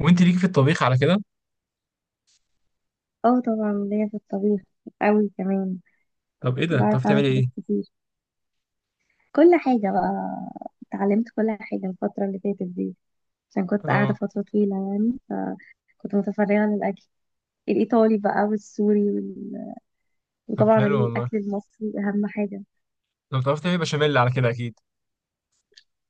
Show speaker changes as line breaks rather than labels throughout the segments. وانت ليكي في الطبيخ على كده؟
اه، طبعا ليا في الطبيخ قوي كمان.
طب ايه ده
بعرف
بتعرفي
اعمل
تعملي
حاجات
ايه؟
كتير، كل حاجة بقى. اتعلمت كل حاجة الفترة اللي فاتت دي عشان كنت قاعدة
اه.
فترة طويلة يعني. فكنت متفرغة للأكل الإيطالي بقى والسوري
طب
وطبعا
حلو والله.
الأكل المصري أهم حاجة.
طب بتعرفي تعملي بشاميل على كده اكيد؟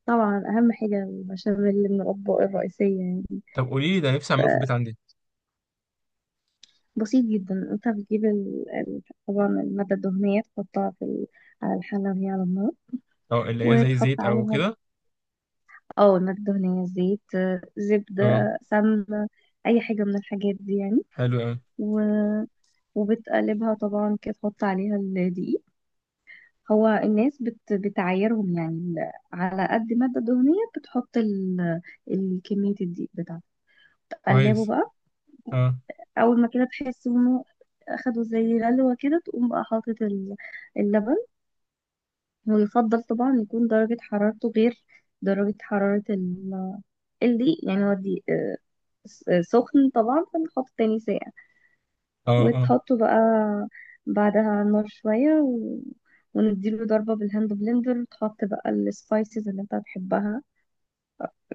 طبعا أهم حاجة البشاميل من الأطباق الرئيسية يعني.
طب قولي لي، ده نفسي اعمله في البيت عندي.
بسيط جدا، انت بتجيب طبعا المادة الدهنية تحطها على الحلة وهي على النار،
اه، اللي هي زي
وتحط
زيت او
عليها
كده؟
اه المادة الدهنية، زيت،
اه.
زبدة، سمنة، أي حاجة من الحاجات دي يعني.
حلو قوي.
و... وبتقلبها طبعا كده، تحط عليها الدقيق. هو الناس بتعايرهم يعني على قد المادة الدهنية بتحط الكمية الدقيق بتاعتها. تقلبه
كويس.
بقى.
اه.
أول ما كده تحس إنه أخدوا زي غلوة كده، تقوم بقى حاطط اللبن. ويفضل طبعا يكون درجة حرارته غير درجة حرارة الدقيق يعني. هو الدقيق سخن طبعا، فنحط تاني ساقع.
اه. اه.
وتحطه بقى بعدها على النار شوية ونديله ضربة بالهاند بلندر، وتحط بقى السبايسز اللي انت هتحبها،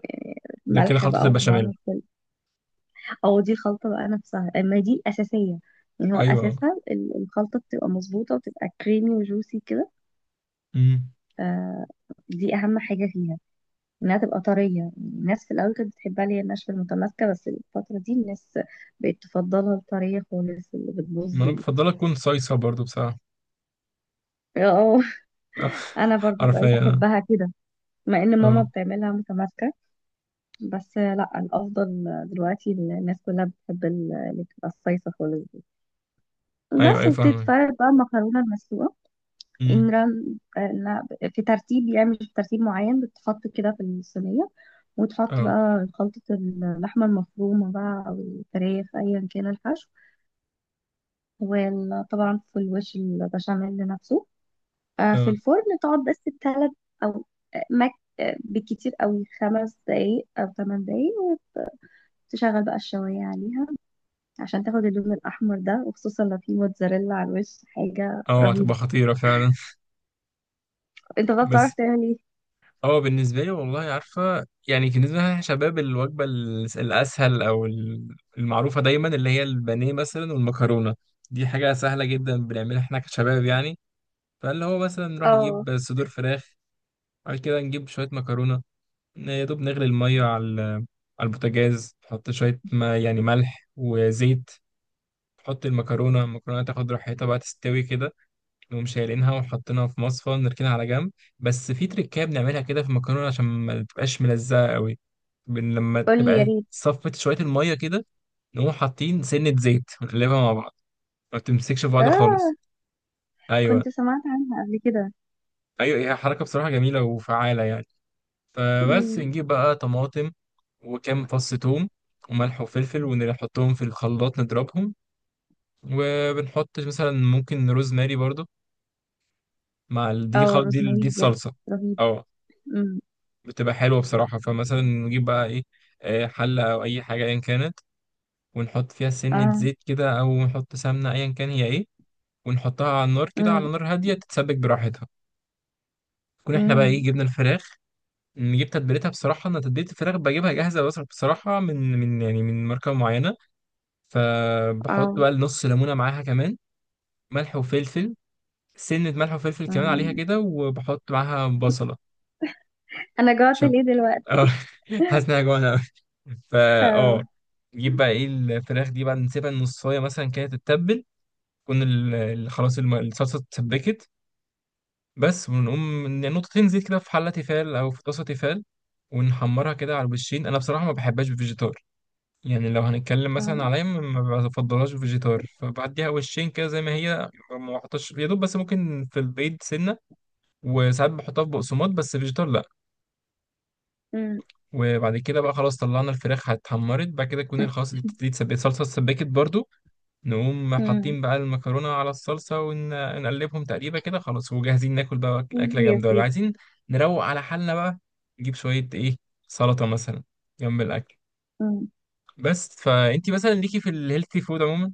يعني
ده كده
ملح
خلطة
بقى وطبعا
البشاميل؟
وكل او دي الخلطة بقى نفسها، اما دي الأساسية. يعني هو
ايوه. اه.
أساسها الخلطة بتبقى مظبوطة وبتبقى كريمي وجوسي كده.
امم.
آه، دي أهم حاجة فيها، إنها تبقى طرية. الناس في الأول كانت بتحبها اللي هي الناشفة المتماسكة، بس الفترة دي الناس بقت تفضلها الطرية خالص اللي
ما
بتبوظ.
انا بفضلها تكون صيصة برضو بصراحة.
اه، انا برضو
عارفة،
بقيت
اه.
احبها كده، مع ان ماما
اه،
بتعملها متماسكه. بس لا، الافضل دلوقتي الناس كلها بتحب اللي بتبقى الصيصه خالص دي،
ايوه
بس
ايوه فاهمك.
وبتتفرد بقى المكرونه المسلوقه. ان
امم.
رن إنها في ترتيب يعني، مش في ترتيب معين، بتتحط كده في الصينيه. وتحط
اه.
بقى خلطه اللحمه المفرومه بقى او الفراخ، ايا كان الحشو. وطبعا في الوش البشاميل نفسه. في
اه.
الفرن تقعد بس بتلات او آه، مك آه، بالكتير قوي 5 دقايق او 8 دقايق. وتشغل بقى الشوايه عليها عشان تاخد اللون الاحمر ده، وخصوصا لو في موتزاريلا على الوش، حاجه
اه
رهيبه.
هتبقى خطيرة فعلا.
انت بقى بتعرف
بس.
تعمل ايه؟
هو بالنسبة لي والله، عارفة يعني، بالنسبة لنا شباب، الوجبة الأسهل أو المعروفة دايما اللي هي البانيه مثلا والمكرونة. دي حاجة سهلة جدا بنعملها احنا كشباب يعني. فاللي هو مثلا نروح
اه،
نجيب صدور فراخ، بعد كده نجيب شوية مكرونة، يا دوب نغلي المية على البوتاجاز، نحط شوية ما يعني ملح وزيت، نحط المكرونة، المكرونة تاخد راحتها بقى تستوي كده، نقوم شايلينها وحاطينها في مصفى ونركنها على جنب. بس في تريكاية بنعملها كده في المكرونة عشان ما تبقاش ملزقة قوي. لما
قول لي يا
تبقى
ريت.
صفت شوية المية كده، نقوم حاطين سنة زيت ونقلبها مع بعض، ما بتمسكش في بعض
اه،
خالص.
كنت
أيوة.
سمعت عنها قبل كده.
أيوة، هي حركة بصراحة جميلة وفعالة يعني. فبس
مم.
نجيب بقى طماطم وكام فص توم وملح وفلفل ونحطهم في الخلاط نضربهم، وبنحط مثلا ممكن روزماري برضو مع ال- دي
اه،
خل... دي ال-
روزماري
دي
بجد؟
الصلصة
رهيب.
اه،
مم.
بتبقى حلوة بصراحة. فمثلا نجيب بقى إيه، حلة أو أي حاجة أيا كانت، ونحط فيها سنة
اه.
زيت كده أو نحط سمنة أيا كان هي إيه، ونحطها على النار كده
مم.
على نار هادية تتسبك براحتها. تكون إحنا بقى
مم.
إيه جبنا الفراخ، نجيب تتبيلتها، بصراحة أنا تتبيلة الفراخ بجيبها جاهزة، بصراحة من يعني من ماركة معينة. فبحط
اه.
بقى نص ليمونة معاها كمان، ملح وفلفل، سنة ملح وفلفل كمان عليها
مم.
كده، وبحط معاها بصلة.
انا جوعت ليه دلوقتي!
اه. حاسس انها جوعانه قوي. فا
اه.
نجيب بقى ايه الفراخ دي بعد، نسيبها نصايه مثلا كده تتبل، تكون خلاص الصلصه اتسبكت بس، ونقوم نقطتين زيت كده في حله تيفال او في طاسه تيفال، ونحمرها كده على الوشين. انا بصراحه ما بحبهاش بفيجيتار، يعني لو هنتكلم مثلا عليا ما بفضلهاش بفيجيتار، فبعديها وشين كده زي ما هي، ما بحطش يا دوب بس ممكن في البيض سنه، وساعات بحطها في بقسماط، بس فيجيتار لا.
مم.
وبعد كده بقى خلاص طلعنا الفراخ اتحمرت، بعد كده تكون خلاص دي اتسبكت، الصلصه اتسبكت برضو، نقوم
مم.
حاطين بقى المكرونه على الصلصه ونقلبهم تقريبا كده، خلاص وجاهزين ناكل بقى
سيدي
اكله
يا
جامده، ولا
سيدي.
عايزين نروق على حالنا بقى، نجيب شويه ايه سلطه مثلا جنب الاكل.
أمم.
بس فانتي مثلا ليكي في الهيلثي فود عموما؟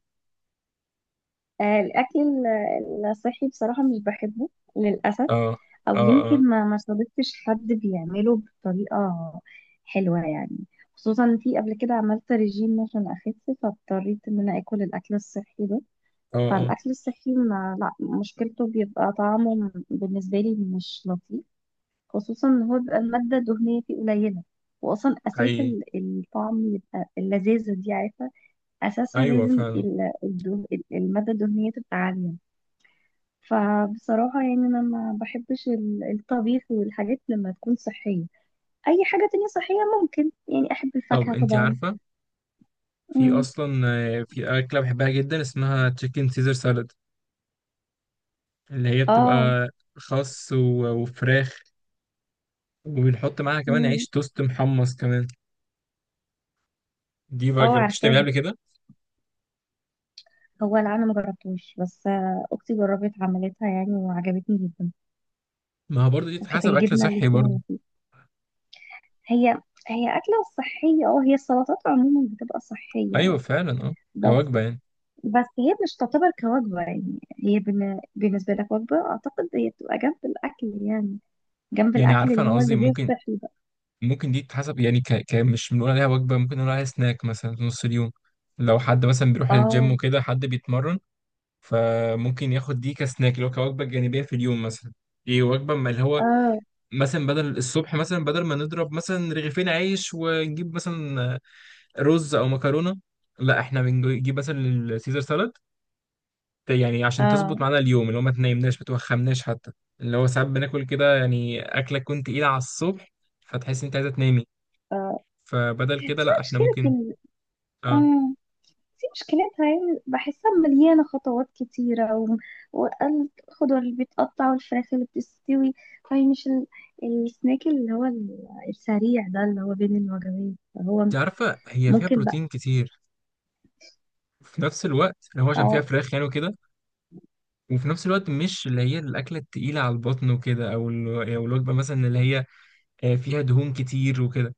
الأكل الصحي بصراحة مش بحبه للأسف.
اه.
أو
اه. اه.
يمكن ما صادفتش حد بيعمله بطريقة حلوة يعني. خصوصا في قبل كده عملت ريجيم عشان أخس، فاضطريت إن أنا آكل الأكل الصحي ده.
اه. اه.
فالأكل الصحي، ما لا، مشكلته بيبقى طعمه بالنسبة لي مش لطيف، خصوصا إن هو بيبقى المادة الدهنية فيه قليلة. وأصلا أساس
حقيقي.
الطعم يبقى اللذاذة دي، عارفة. اساسها
ايوه
لازم
فعلا
الماده الدهنيه تبقى عاليه. فبصراحه يعني انا ما بحبش الطبيخ والحاجات لما تكون صحيه، اي حاجه تانية صحيه. ممكن يعني احب
طب
الفاكهه
انتي
طبعا.
عارفه، في
امم.
اصلا في اكله بحبها جدا اسمها تشيكن سيزر سالاد، اللي هي
اه.
بتبقى خس وفراخ، وبنحط معاها كمان
امم.
عيش توست محمص كمان. دي بقى
اه،
جربتش تعملها
عارفاها.
قبل كده؟
هو اللي انا ما جربتوش، بس اختي جربت عملتها يعني وعجبتني جدا.
ما هو برضه دي
وكانت
تتحسب اكل
الجبنه اللي
صحي
فيها
برضه.
لطيفة. هي هي اكله صحيه. اه، هي السلطات عموما بتبقى صحيه
ايوه
يعني.
فعلا اه.
بس،
كوجبه يعني.
بس هي مش تعتبر كوجبة، يعني هي بالنسبة لك وجبة أعتقد. هي بتبقى جنب الأكل يعني، جنب
يعني
الأكل
عارفه
اللي
انا
هو
قصدي
الغير
ممكن،
صحي بقى.
ممكن دي تتحسب يعني مش بنقول عليها وجبه، ممكن نقول عليها سناك مثلا في نص اليوم، لو حد مثلا بيروح الجيم
اه.
وكده حد بيتمرن. فممكن ياخد دي كسناك اللي هو كوجبه جانبيه في اليوم مثلا. ايه وجبه ما اللي هو
اه.
مثلا بدل الصبح، مثلا بدل ما نضرب مثلا رغيفين عيش ونجيب مثلا رز او مكرونه، لا احنا بنجيب مثلا السيزر سالاد، يعني عشان
اه.
تظبط معانا اليوم اللي هو ما تنامناش ما توخمناش حتى. اللي هو ساعات بناكل كده يعني اكله تكون تقيله على الصبح، فتحس انت عايزه تنامي،
اه.
فبدل
في
كده لا احنا
مشكلة
ممكن.
ال...
اه،
اه في مشكلتها يعني، بحسها مليانة خطوات كتيرة والخضار اللي بيتقطع، والفراخ اللي بتستوي. فهي مش السناك اللي هو السريع ده اللي هو بين الوجبات، فهو
انت عارفه هي فيها
ممكن بقى.
بروتين كتير، في نفس الوقت اللي هو عشان فيها
اه.
فراخ يعني وكده، وفي نفس الوقت مش اللي هي الاكله التقيله على البطن وكده، أو الوجبه مثلا اللي هي فيها دهون كتير وكده.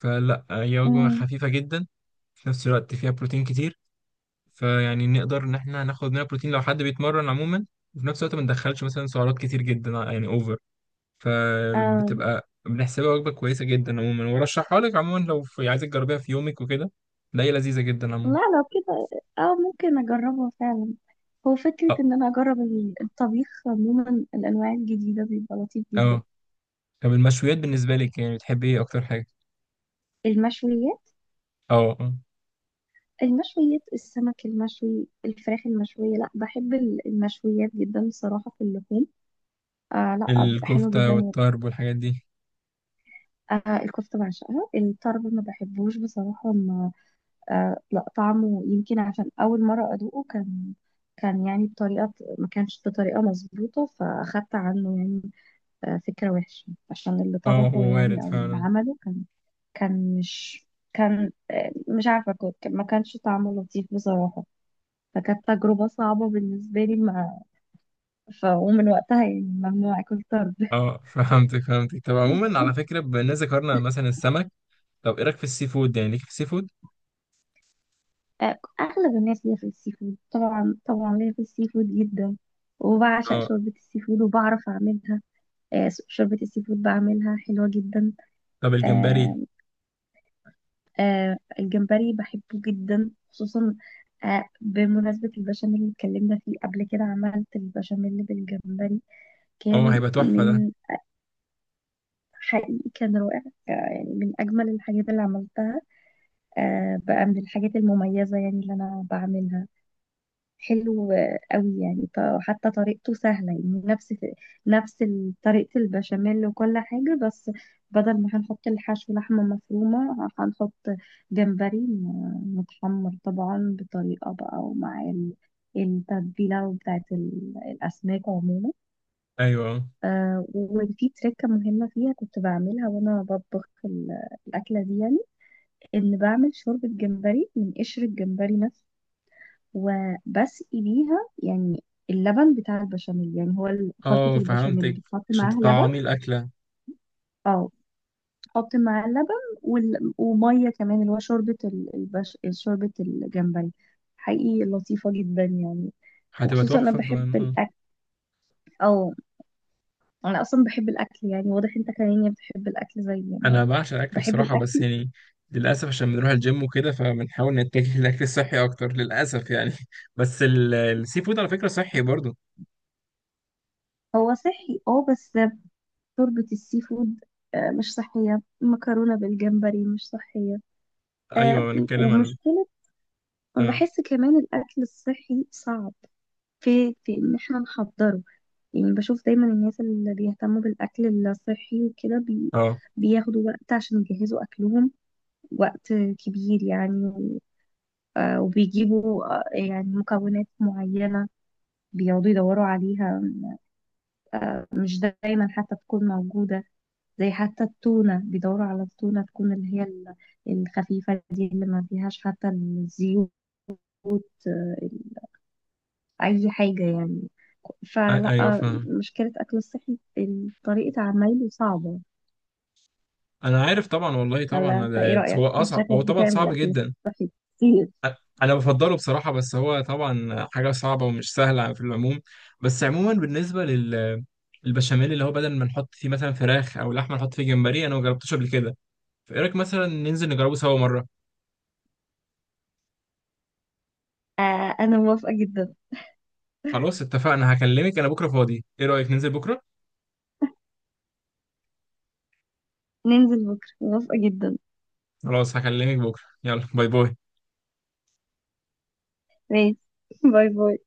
فلا هي وجبه
أمم.
خفيفه جدا، في نفس الوقت فيها بروتين كتير، فيعني نقدر ان احنا ناخد منها بروتين لو حد بيتمرن عموما، وفي نفس الوقت ما ندخلش مثلا سعرات كتير جدا يعني اوفر.
اه،
فبتبقى بنحسبها وجبه كويسه جدا عموما، وارشحها لك عموما لو في عايزك تجربيها في يومك وكده. لا هي لذيذه جدا
لا
عموما.
لو كده، اه، ممكن اجربه فعلا. هو فكرة
اه.
ان انا اجرب الطبيخ عموما الانواع الجديدة بيبقى لطيف جدا.
اه. طب المشويات بالنسبه لك يعني بتحبي ايه اكتر حاجه؟
المشويات.
اه. اه.
المشويات، السمك المشوي، الفراخ المشوية. لا، بحب المشويات جدا بصراحة في اللحوم. لا، بتبقى حلوة
الكفته
جدا.
والطرب والحاجات دي.
الكفتة بعشقها. الطرب ما بحبوش بصراحة. ما، لا، طعمه يمكن عشان اول مرة ادوقه كان يعني بطريقة، ما كانش بطريقة مظبوطة. فأخدت عنه يعني فكرة وحشة، عشان اللي
اه هو
طبخه
وارد
يعني أو اللي
فعلا.
عمله كان، كان مش كان، مش عارفة. كنت، ما كانش طعمه لطيف بصراحة. فكانت تجربة صعبة بالنسبة لي. مع ومن وقتها يعني، ممنوع أكل طرد.
اه. فهمتك فهمتك. طب عموما على فكره، بما اننا ذكرنا مثلا السمك، طب ايه رايك في السي فود؟ يعني ليك في السي فود؟
أغلب الناس ليا في السي فود. طبعا طبعا ليا في السي فود جدا، وبعشق
اه.
شوربة السي فود وبعرف أعملها. شوربة السي فود بعملها حلوة جدا.
طب
آه،
الجمبري؟
الجمبري بحبه جدا، خصوصا بمناسبة البشاميل اللي اتكلمنا فيه قبل كده، عملت البشاميل بالجمبري.
اه
كان
هيبقى تحفة ده.
من حقيقي كان رائع. يعني من أجمل الحاجات اللي عملتها. بقى من الحاجات المميزة يعني اللي أنا بعملها. حلو قوي يعني. وحتى طريقته سهلة يعني، نفس طريقة البشاميل وكل حاجة. بس بدل ما هنحط الحشو لحمة مفرومة، هنحط جمبري متحمر طبعا بطريقة بقى، ومع التتبيلة بتاعت الأسماك عموما.
ايوه
وفي تركة مهمة فيها كنت بعملها وأنا بطبخ الأكلة دي يعني، إن بعمل شوربة جمبري من قشر الجمبري نفسه وبسقي بيها يعني اللبن بتاع البشاميل. يعني هو خلطة
اه،
البشاميل
فهمتك،
بتحط
عشان
معاها لبن.
تطعمي الأكلة.
اه، تحط معاه اللبن، ومية كمان، اللي هو شوربة شوربة الجمبري. حقيقي لطيفة جدا يعني.
هتبقى
وخصوصا
تحفة فاهم اه.
او انا اصلا بحب الاكل، يعني واضح انت كمان يعني بتحب الاكل زي انا.
انا بعشق الأكل
بحب
بصراحة، بس
الاكل.
يعني للأسف عشان بنروح الجيم وكده، فبنحاول نتجه للأكل الصحي أكتر للأسف يعني. بس السي فود على فكرة صحي برضو.
هو صحي، اه، بس شوربة السي فود مش صحية. المكرونة بالجمبري مش صحية. آه،
ايوه بنتكلم عن
ومشكلة
اه.
وبحس كمان الأكل الصحي صعب في إن احنا نحضره. يعني بشوف دايما الناس اللي بيهتموا بالأكل الصحي وكده
اه.
بياخدوا وقت عشان يجهزوا أكلهم، وقت كبير يعني. وبيجيبوا يعني مكونات معينة، بيقعدوا يدوروا عليها. مش دايما حتى تكون موجودة. زي حتى التونة، بيدوروا على التونة تكون اللي هي الخفيفة دي اللي ما فيهاش حتى الزيوت. آه، اي حاجه يعني. فلا،
ايوه فاهم.
مشكله اكل الصحي طريقه عمايله صعبه.
انا عارف طبعا والله،
ولا
طبعا
انت ايه
ده
رايك؟
هو
انت
اصعب،
شكلك
هو طبعا
بتعمل
صعب
اكل
جدا.
كتير.
انا بفضله بصراحه، بس هو طبعا حاجه صعبه ومش سهله في العموم. بس عموما بالنسبه البشاميل، اللي هو بدل ما نحط فيه مثلا فراخ او لحمه نحط فيه جمبري، انا ما جربتوش قبل كده. فايه رايك مثلا ننزل نجربه سوا مره.
انا موافقه جدا.
خلاص اتفقنا، هكلمك انا بكره فاضي، ايه رايك ننزل بكره؟
ننزل بكره موافقه جدا.
خلاص هكلمك بكره، يلا باي باي.
ماشي. باي باي.